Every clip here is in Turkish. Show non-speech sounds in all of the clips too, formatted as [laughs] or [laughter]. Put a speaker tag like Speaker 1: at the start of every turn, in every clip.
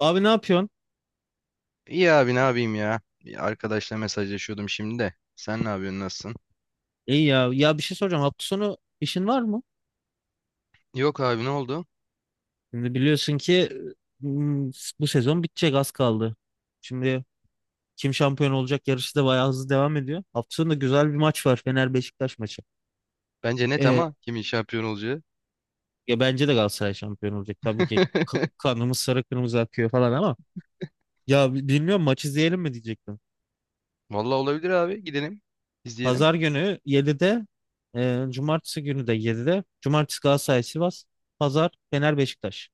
Speaker 1: Abi ne yapıyorsun?
Speaker 2: İyi abi ne yapayım ya? Bir arkadaşla mesajlaşıyordum şimdi de. Sen ne yapıyorsun, nasılsın?
Speaker 1: İyi ya. Ya bir şey soracağım. Hafta sonu işin var mı?
Speaker 2: Yok abi, ne oldu?
Speaker 1: Şimdi biliyorsun ki m, bu sezon bitecek az kaldı. Şimdi kim şampiyon olacak yarışı da bayağı hızlı devam ediyor. Hafta sonu da güzel bir maç var. Fener Beşiktaş maçı.
Speaker 2: Bence net
Speaker 1: Ee,
Speaker 2: ama kimin şampiyon olacağı.
Speaker 1: ya bence de Galatasaray şampiyon olacak. Tabii ki
Speaker 2: [laughs]
Speaker 1: kanımız sarı kırmızı akıyor falan ama ya bilmiyorum maç izleyelim mi diyecektim.
Speaker 2: Vallahi olabilir abi, gidelim izleyelim.
Speaker 1: Pazar günü 7'de cumartesi günü de 7'de. Cumartesi Galatasaray Sivas. Pazar Fener Beşiktaş.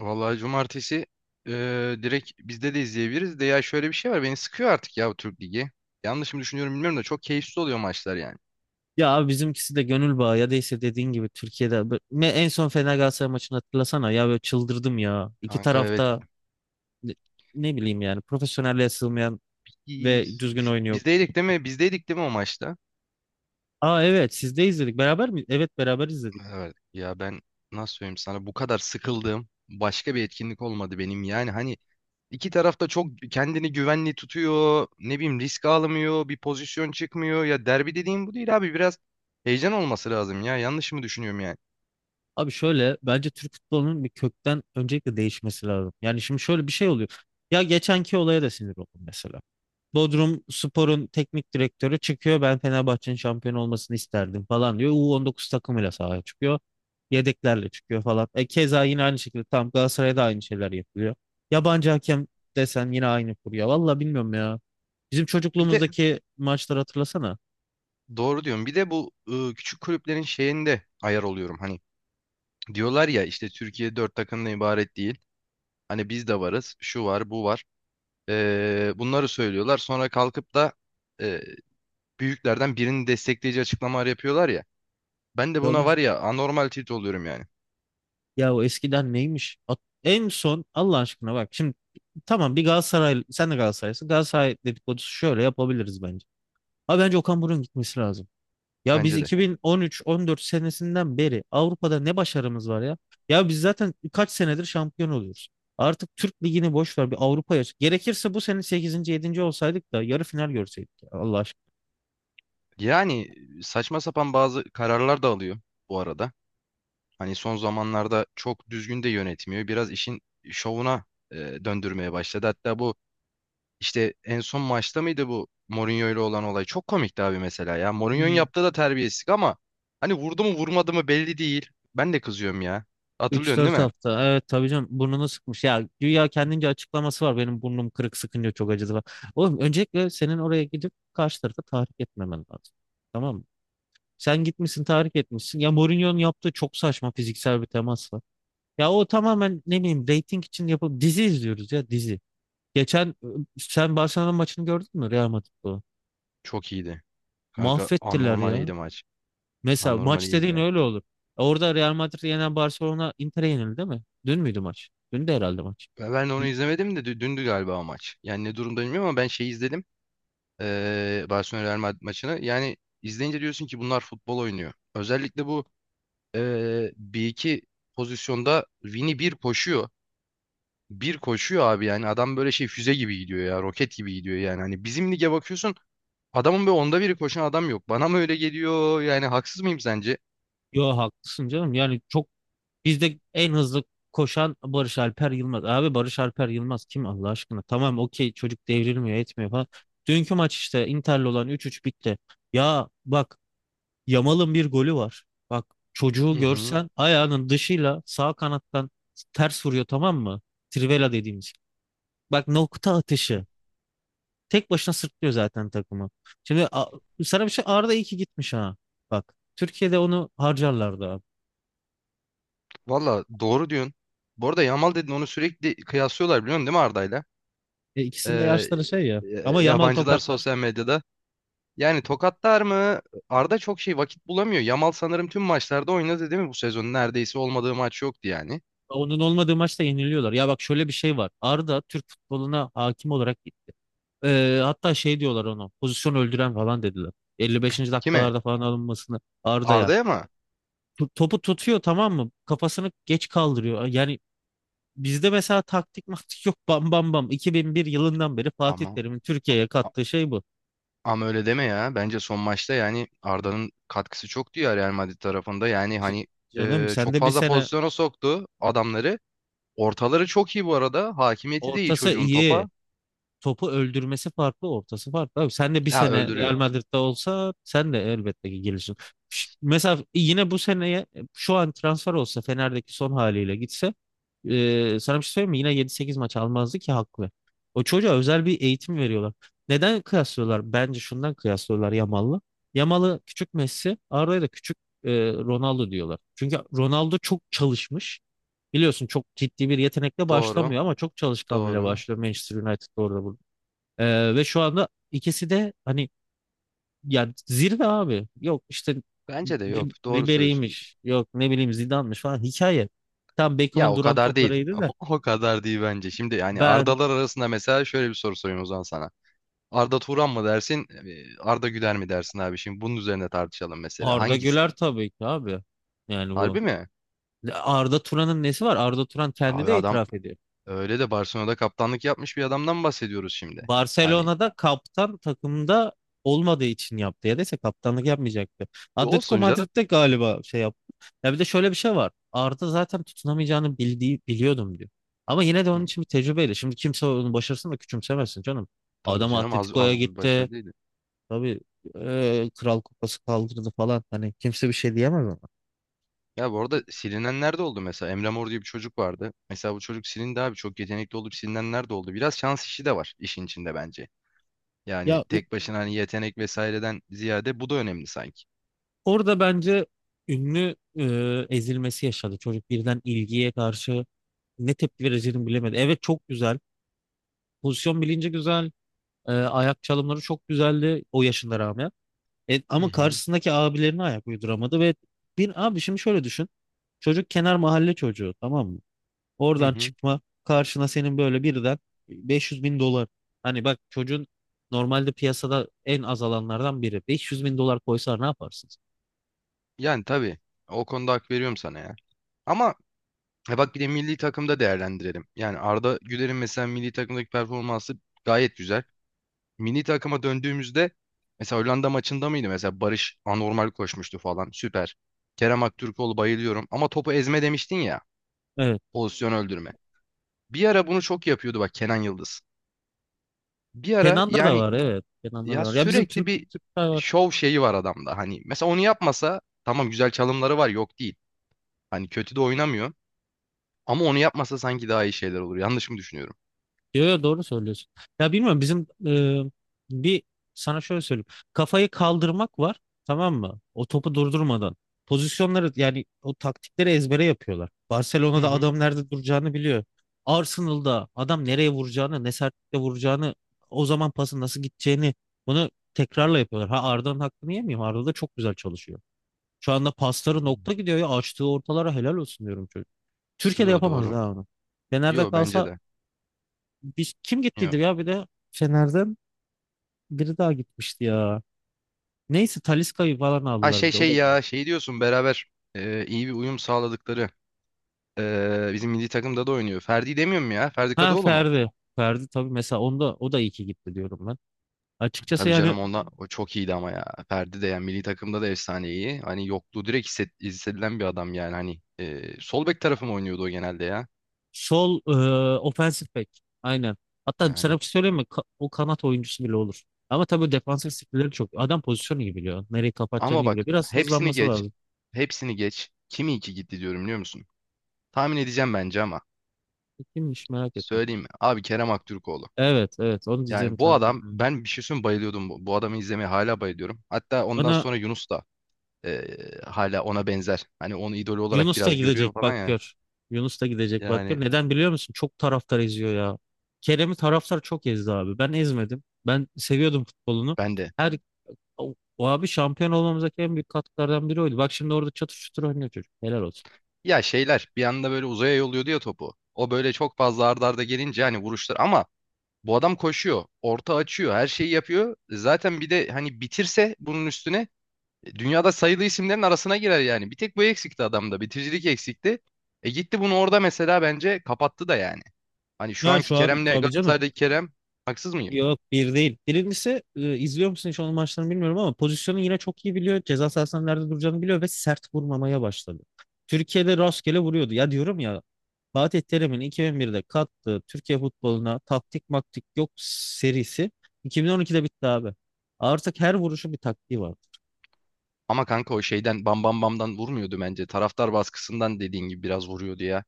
Speaker 2: Vallahi cumartesi direkt bizde de izleyebiliriz de ya, şöyle bir şey var, beni sıkıyor artık ya bu Türk Ligi. Yanlış mı düşünüyorum bilmiyorum da çok keyifsiz oluyor maçlar yani.
Speaker 1: Ya abi bizimkisi de gönül bağı ya da işte dediğin gibi Türkiye'de ne en son Fener Galatasaray maçını hatırlasana ya böyle çıldırdım ya. İki
Speaker 2: Kanka evet,
Speaker 1: tarafta ne ne bileyim yani profesyonelliğe sığmayan ve düzgün oyun yok.
Speaker 2: bizdeydik değil mi? Bizdeydik değil mi o maçta?
Speaker 1: Aa evet siz de izledik beraber mi? Evet beraber izledik.
Speaker 2: Evet ya, ben nasıl söyleyeyim sana, bu kadar sıkıldığım başka bir etkinlik olmadı benim, yani hani, İki taraf da çok kendini güvenli tutuyor. Ne bileyim, risk almıyor. Bir pozisyon çıkmıyor. Ya derbi dediğim bu değil abi. Biraz heyecan olması lazım ya. Yanlış mı düşünüyorum yani?
Speaker 1: Abi şöyle bence Türk futbolunun bir kökten öncelikle değişmesi lazım. Yani şimdi şöyle bir şey oluyor. Ya geçenki olaya da sinir oldum mesela. Bodrum Spor'un teknik direktörü çıkıyor. Ben Fenerbahçe'nin şampiyon olmasını isterdim falan diyor. U19 takımıyla sahaya çıkıyor. Yedeklerle çıkıyor falan. E keza yine aynı şekilde tam Galatasaray'da aynı şeyler yapılıyor. Yabancı hakem desen yine aynı kurya. Valla bilmiyorum ya. Bizim
Speaker 2: Bir de
Speaker 1: çocukluğumuzdaki maçları hatırlasana.
Speaker 2: doğru diyorum. Bir de bu küçük kulüplerin şeyinde ayar oluyorum. Hani diyorlar ya işte Türkiye dört takımdan ibaret değil. Hani biz de varız. Şu var, bu var. Bunları söylüyorlar. Sonra kalkıp da e, büyüklerden birini destekleyici açıklamalar yapıyorlar ya. Ben de
Speaker 1: Ya,
Speaker 2: buna var ya anormal tilt oluyorum yani.
Speaker 1: ya o eskiden neymiş? En son Allah aşkına bak şimdi tamam bir Galatasaray sen de Galatasaraylısın. Galatasaray dedikodusu şöyle yapabiliriz bence. Abi bence Okan Buruk'un gitmesi lazım. Ya biz
Speaker 2: Bence de.
Speaker 1: 2013-14 senesinden beri Avrupa'da ne başarımız var ya? Ya biz zaten kaç senedir şampiyon oluyoruz. Artık Türk Ligi'ni boş ver bir Avrupa'ya. Gerekirse bu sene sekizinci, yedinci olsaydık da yarı final görseydik ya, Allah
Speaker 2: Yani saçma sapan bazı kararlar da alıyor bu arada. Hani son zamanlarda çok düzgün de yönetmiyor. Biraz işin şovuna e, döndürmeye başladı. Hatta bu işte en son maçta mıydı bu Mourinho ile olan olay? Çok komikti abi mesela ya. Mourinho'nun
Speaker 1: aşkına.
Speaker 2: yaptığı da terbiyesizlik ama hani vurdu mu vurmadı mı belli değil. Ben de kızıyorum ya.
Speaker 1: Üç
Speaker 2: Hatırlıyorsun değil
Speaker 1: dört
Speaker 2: mi?
Speaker 1: hafta. Evet tabii canım burnunu sıkmış. Ya güya kendince açıklaması var. Benim burnum kırık sıkınca çok acıdı falan. Oğlum öncelikle senin oraya gidip karşı tarafa tahrik etmemen lazım. Tamam mı? Sen gitmişsin tahrik etmişsin. Ya Mourinho'nun yaptığı çok saçma fiziksel bir temas var. Ya o tamamen ne bileyim reyting için yapıp dizi izliyoruz ya dizi. Geçen sen Barcelona maçını gördün mü Real Madrid'de?
Speaker 2: Çok iyiydi. Kanka
Speaker 1: Mahvettiler
Speaker 2: anormal
Speaker 1: ya.
Speaker 2: iyiydi maç.
Speaker 1: Mesela
Speaker 2: Anormal
Speaker 1: maç
Speaker 2: iyiydi
Speaker 1: dediğin
Speaker 2: yani.
Speaker 1: öyle olur. Orada Real Madrid yenen Barcelona Inter'e yenildi değil mi? Dün müydü maç? Dün de herhalde maç.
Speaker 2: Ben onu
Speaker 1: Y-
Speaker 2: izlemedim de dündü galiba o maç. Yani ne durumda bilmiyorum ama ben şeyi izledim. Barcelona Real Madrid maçını. Yani izleyince diyorsun ki bunlar futbol oynuyor. Özellikle bu bir iki pozisyonda Vini bir koşuyor. Bir koşuyor abi, yani adam böyle şey füze gibi gidiyor ya, roket gibi gidiyor yani. Hani bizim lige bakıyorsun, adamın böyle onda biri koşan adam yok. Bana mı öyle geliyor yani, haksız mıyım sence?
Speaker 1: Yo haklısın canım. Yani çok bizde en hızlı koşan Barış Alper Yılmaz. Abi Barış Alper Yılmaz kim Allah aşkına? Tamam okey çocuk devrilmiyor etmiyor falan. Dünkü maç işte Inter'le olan 3-3 bitti. Ya bak Yamal'ın bir golü var. Bak çocuğu
Speaker 2: Hı hı.
Speaker 1: görsen ayağının dışıyla sağ kanattan ters vuruyor tamam mı? Trivela dediğimiz. Bak nokta atışı. Tek başına sırtlıyor zaten takımı. Şimdi sana bir şey Arda iyi ki gitmiş ha. Bak Türkiye'de onu harcarlardı abi.
Speaker 2: Valla doğru diyorsun. Bu arada Yamal dedin, onu sürekli kıyaslıyorlar biliyorsun değil mi Arda'yla?
Speaker 1: E, ikisinin de
Speaker 2: Ee,
Speaker 1: yaşları şey ya. Ama Yamal
Speaker 2: yabancılar
Speaker 1: tokatlar.
Speaker 2: sosyal medyada. Yani tokatlar mı? Arda çok şey vakit bulamıyor. Yamal sanırım tüm maçlarda oynadı değil mi bu sezon? Neredeyse olmadığı maç yoktu yani.
Speaker 1: Onun olmadığı maçta yeniliyorlar. Ya bak şöyle bir şey var. Arda Türk futboluna hakim olarak gitti. E, hatta şey diyorlar onu. Pozisyon öldüren falan dediler. 55.
Speaker 2: Kime?
Speaker 1: dakikalarda falan alınmasını Arda'ya.
Speaker 2: Arda'ya mı?
Speaker 1: Topu tutuyor tamam mı? Kafasını geç kaldırıyor. Yani bizde mesela taktik maktik yok bam bam bam. 2001 yılından beri Fatih
Speaker 2: Ama
Speaker 1: Terim'in Türkiye'ye
Speaker 2: a-
Speaker 1: kattığı şey bu.
Speaker 2: ama öyle deme ya. Bence son maçta yani Arda'nın katkısı çoktu ya Real Madrid tarafında. Yani
Speaker 1: C-
Speaker 2: hani,
Speaker 1: Canım sen
Speaker 2: çok
Speaker 1: de bir
Speaker 2: fazla
Speaker 1: sene
Speaker 2: pozisyona soktu adamları. Ortaları çok iyi bu arada. Hakimiyeti de iyi
Speaker 1: ortası
Speaker 2: çocuğun
Speaker 1: iyi.
Speaker 2: topa.
Speaker 1: Topu öldürmesi farklı, ortası farklı. Abi sen de bir
Speaker 2: Ha,
Speaker 1: sene Real
Speaker 2: öldürüyor.
Speaker 1: Madrid'de olsa sen de elbette ki gelirsin. Mesela yine bu seneye şu an transfer olsa Fener'deki son haliyle gitse sana bir şey söyleyeyim mi? Yine yedi sekiz maç almazdı ki haklı. O çocuğa özel bir eğitim veriyorlar. Neden kıyaslıyorlar? Bence şundan kıyaslıyorlar Yamal'la. Yamal'ı küçük Messi, Arda'ya da küçük Ronaldo diyorlar. Çünkü Ronaldo çok çalışmış. Biliyorsun çok ciddi bir yetenekle
Speaker 2: Doğru.
Speaker 1: başlamıyor ama çok çalışkanlığıyla
Speaker 2: Doğru.
Speaker 1: başlıyor Manchester United'da orada burada. Ve şu anda ikisi de hani yani zirve abi. Yok işte
Speaker 2: Bence de yok. Doğru söylüyorsun.
Speaker 1: Ribery'miş. Yok ne bileyim Zidane'mış falan hikaye. Tam
Speaker 2: Ya
Speaker 1: Beckham'ın
Speaker 2: o
Speaker 1: duran
Speaker 2: kadar değil.
Speaker 1: toplarıydı da
Speaker 2: [laughs] O kadar değil bence. Şimdi yani
Speaker 1: ben
Speaker 2: Ardalar arasında mesela şöyle bir soru sorayım o zaman sana. Arda Turan mı dersin, Arda Güler mi dersin abi? Şimdi bunun üzerine tartışalım mesela.
Speaker 1: Arda
Speaker 2: Hangisi?
Speaker 1: Güler tabii ki abi. Yani bu
Speaker 2: Harbi mi?
Speaker 1: Arda Turan'ın nesi var? Arda Turan kendi
Speaker 2: Abi
Speaker 1: de
Speaker 2: adam
Speaker 1: itiraf ediyor.
Speaker 2: öyle de Barcelona'da kaptanlık yapmış bir adamdan bahsediyoruz şimdi. Hani
Speaker 1: Barcelona'da kaptan takımda olmadığı için yaptı. Ya dese kaptanlık yapmayacaktı. Atletico
Speaker 2: olsun canım.
Speaker 1: Madrid'de galiba şey yaptı. Ya bir de şöyle bir şey var. Arda zaten tutunamayacağını bildiği, biliyordum diyor. Ama yine de
Speaker 2: Hı,
Speaker 1: onun için bir tecrübeyle. Şimdi kimse onu başarısın da küçümsemesin canım.
Speaker 2: tabii
Speaker 1: Adam
Speaker 2: canım, az
Speaker 1: Atletico'ya
Speaker 2: buz bir
Speaker 1: gitti.
Speaker 2: başarı değildi.
Speaker 1: Tabii Kral Kupası kaldırdı falan. Hani kimse bir şey diyemez ona.
Speaker 2: Ya bu arada silinenler de oldu mesela. Emre Mor diye bir çocuk vardı. Mesela bu çocuk silindi abi. Çok yetenekli olup silinenler de oldu. Biraz şans işi de var işin içinde bence. Yani
Speaker 1: Ya
Speaker 2: tek başına hani yetenek vesaireden ziyade bu da önemli sanki.
Speaker 1: orada bence ünlü ezilmesi yaşadı. Çocuk birden ilgiye karşı ne tepki vereceğini bilemedi. Evet çok güzel. Pozisyon bilinci güzel. E, ayak çalımları çok güzeldi o yaşına rağmen. E,
Speaker 2: Hı
Speaker 1: ama
Speaker 2: hı.
Speaker 1: karşısındaki abilerine ayak uyduramadı ve bir abi şimdi şöyle düşün. Çocuk kenar mahalle çocuğu tamam mı?
Speaker 2: Hı
Speaker 1: Oradan
Speaker 2: hı.
Speaker 1: çıkma karşına senin böyle birden 500.000 dolar. Hani bak çocuğun normalde piyasada en az alanlardan biri. 500.000 dolar koysalar ne yaparsınız?
Speaker 2: Yani tabii o konuda hak veriyorum sana ya. Ama e bak bir de milli takımda değerlendirelim. Yani Arda Güler'in mesela milli takımdaki performansı gayet güzel. Milli takıma döndüğümüzde mesela Hollanda maçında mıydı? Mesela Barış anormal koşmuştu falan. Süper. Kerem Aktürkoğlu, bayılıyorum. Ama topu ezme demiştin ya.
Speaker 1: Evet.
Speaker 2: Pozisyon öldürme. Bir ara bunu çok yapıyordu bak Kenan Yıldız. Bir ara
Speaker 1: Kenan'da da
Speaker 2: yani,
Speaker 1: var evet. Kenan'da da
Speaker 2: ya
Speaker 1: var. Ya bizim
Speaker 2: sürekli
Speaker 1: Türk
Speaker 2: bir
Speaker 1: Türk
Speaker 2: şov şeyi var adamda. Hani mesela onu yapmasa, tamam güzel çalımları var yok değil. Hani kötü de oynamıyor. Ama onu yapmasa sanki daha iyi şeyler olur. Yanlış mı düşünüyorum?
Speaker 1: Yo, yo, doğru söylüyorsun. Ya bilmiyorum bizim bir sana şöyle söyleyeyim. Kafayı kaldırmak var tamam mı? O topu durdurmadan. Pozisyonları yani o taktikleri ezbere yapıyorlar.
Speaker 2: Hı
Speaker 1: Barcelona'da
Speaker 2: hı.
Speaker 1: adam nerede duracağını biliyor. Arsenal'da adam nereye vuracağını, ne sertlikle vuracağını, o zaman pasın nasıl gideceğini bunu tekrarla yapıyorlar. Ha Arda'nın hakkını yemeyeyim. Arda da çok güzel çalışıyor. Şu anda pasları nokta
Speaker 2: Hmm.
Speaker 1: gidiyor ya açtığı ortalara helal olsun diyorum çocuk. Türkiye'de
Speaker 2: Yo,
Speaker 1: yapamaz
Speaker 2: doğru.
Speaker 1: daha onu. Fener'de
Speaker 2: Yo, bence
Speaker 1: kalsa
Speaker 2: de.
Speaker 1: bir, kim
Speaker 2: Yo.
Speaker 1: gittiydi ya bir de Fener'den biri daha gitmişti ya. Neyse Talisca'yı falan
Speaker 2: Ha
Speaker 1: aldılar bir
Speaker 2: şey
Speaker 1: de o
Speaker 2: şey
Speaker 1: da gerek.
Speaker 2: ya, şey diyorsun, beraber iyi bir uyum sağladıkları, bizim milli takımda da oynuyor. Ferdi demiyor mu ya? Ferdi
Speaker 1: Ha
Speaker 2: Kadıoğlu mu?
Speaker 1: Ferdi. Ferdi tabii mesela onda o da iyi ki gitti diyorum ben. Açıkçası
Speaker 2: Tabii
Speaker 1: yani
Speaker 2: canım, onda o çok iyiydi ama ya. Ferdi de yani milli takımda da efsane iyi. Hani yokluğu direkt hissedilen bir adam yani hani. Sol bek tarafı mı oynuyordu o genelde ya?
Speaker 1: sol offensive back. Aynen. Hatta sana
Speaker 2: Yani
Speaker 1: bir şey söyleyeyim mi? O kanat oyuncusu bile olur. Ama tabii defansif skill'leri çok. Adam pozisyonu iyi biliyor. Nereyi kapatacağını
Speaker 2: ama
Speaker 1: iyi
Speaker 2: bak
Speaker 1: biliyor. Biraz
Speaker 2: hepsini
Speaker 1: hızlanması
Speaker 2: geç.
Speaker 1: lazım.
Speaker 2: Hepsini geç. Kim iyi ki gitti diyorum biliyor musun? Tahmin edeceğim bence ama.
Speaker 1: E, kimmiş merak ettim.
Speaker 2: Söyleyeyim mi? Abi Kerem Aktürkoğlu.
Speaker 1: Evet evet onu diyeceğim
Speaker 2: Yani bu
Speaker 1: tahmin
Speaker 2: adam,
Speaker 1: ettim.
Speaker 2: ben bir şey söyleyeyim mi, bayılıyordum. Bu adamı izlemeye hala bayılıyorum. Hatta ondan
Speaker 1: Bana
Speaker 2: sonra Yunus da hala ona benzer. Hani onu idol olarak
Speaker 1: Yunus da
Speaker 2: biraz görüyor
Speaker 1: gidecek
Speaker 2: falan
Speaker 1: bak
Speaker 2: ya.
Speaker 1: gör. Yunus da gidecek bak gör.
Speaker 2: Yani
Speaker 1: Neden biliyor musun? Çok taraftar eziyor ya. Kerem'i taraftar çok ezdi abi. Ben ezmedim. Ben seviyordum futbolunu.
Speaker 2: ben de.
Speaker 1: Her o abi şampiyon olmamızdaki en büyük katkılardan biri oydu. Bak şimdi orada çatır çutur oynuyor çocuk. Helal olsun.
Speaker 2: Ya şeyler bir anda böyle uzaya yolluyordu ya topu. O böyle çok fazla arda arda gelince hani vuruşlar, ama bu adam koşuyor, orta açıyor, her şeyi yapıyor. Zaten bir de hani bitirse bunun üstüne, dünyada sayılı isimlerin arasına girer yani. Bir tek bu eksikti adamda. Bitiricilik eksikti. E gitti, bunu orada mesela bence kapattı da yani. Hani şu
Speaker 1: Ya
Speaker 2: anki
Speaker 1: şu an
Speaker 2: Kerem'le
Speaker 1: tabii canım.
Speaker 2: Galatasaray'daki Kerem, haksız mıyım?
Speaker 1: Yok bir değil. Birincisi izliyor musun hiç onun maçlarını bilmiyorum ama pozisyonu yine çok iyi biliyor. Ceza sahasının nerede duracağını biliyor ve sert vurmamaya başladı. Türkiye'de rastgele vuruyordu. Ya diyorum ya Fatih Terim'in 2001'de kattığı Türkiye futboluna taktik maktik yok serisi 2012'de bitti abi. Artık her vuruşu bir taktiği var.
Speaker 2: Ama kanka o şeyden bam bam bamdan vurmuyordu bence. Taraftar baskısından dediğin gibi biraz vuruyordu ya.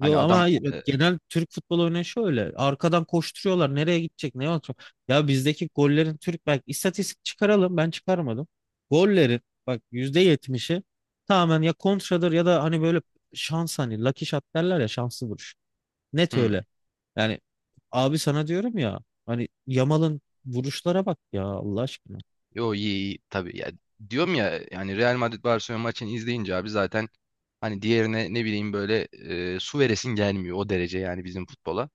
Speaker 2: Hani
Speaker 1: ama
Speaker 2: adam
Speaker 1: hayır. Evet, genel Türk futbol örneği şöyle. Arkadan koşturuyorlar. Nereye gidecek? Ne olacak? Ya bizdeki gollerin Türk bak istatistik çıkaralım. Ben çıkarmadım. Gollerin bak %70'i tamamen ya kontradır ya da hani böyle şans hani lucky shot derler ya şanslı vuruş. Net
Speaker 2: hı,
Speaker 1: öyle. Yani abi sana diyorum ya hani Yamal'ın vuruşlara bak ya Allah aşkına.
Speaker 2: yo iyi iyi tabii ya. Diyorum ya, yani Real Madrid Barcelona maçını izleyince abi zaten hani diğerine ne bileyim böyle su veresin gelmiyor o derece yani bizim futbola.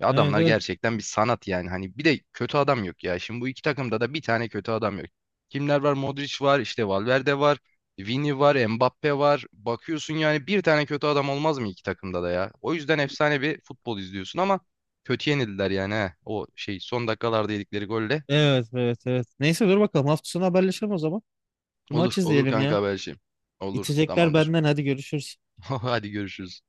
Speaker 2: Ya
Speaker 1: Evet
Speaker 2: adamlar
Speaker 1: evet.
Speaker 2: gerçekten bir sanat yani. Hani bir de kötü adam yok ya. Şimdi bu iki takımda da bir tane kötü adam yok. Kimler var? Modric var, işte Valverde var, Vini var, Mbappe var. Bakıyorsun yani, bir tane kötü adam olmaz mı iki takımda da ya? O yüzden efsane bir futbol izliyorsun ama kötü yenildiler yani he. O şey son dakikalarda yedikleri golle.
Speaker 1: Evet evet evet. Neyse dur bakalım hafta sonu haberleşelim o zaman. Bir maç
Speaker 2: Olur, olur
Speaker 1: izleyelim
Speaker 2: kanka,
Speaker 1: ya.
Speaker 2: haberleşelim. Olur,
Speaker 1: İçecekler
Speaker 2: tamamdır.
Speaker 1: benden, hadi görüşürüz.
Speaker 2: [laughs] Hadi görüşürüz.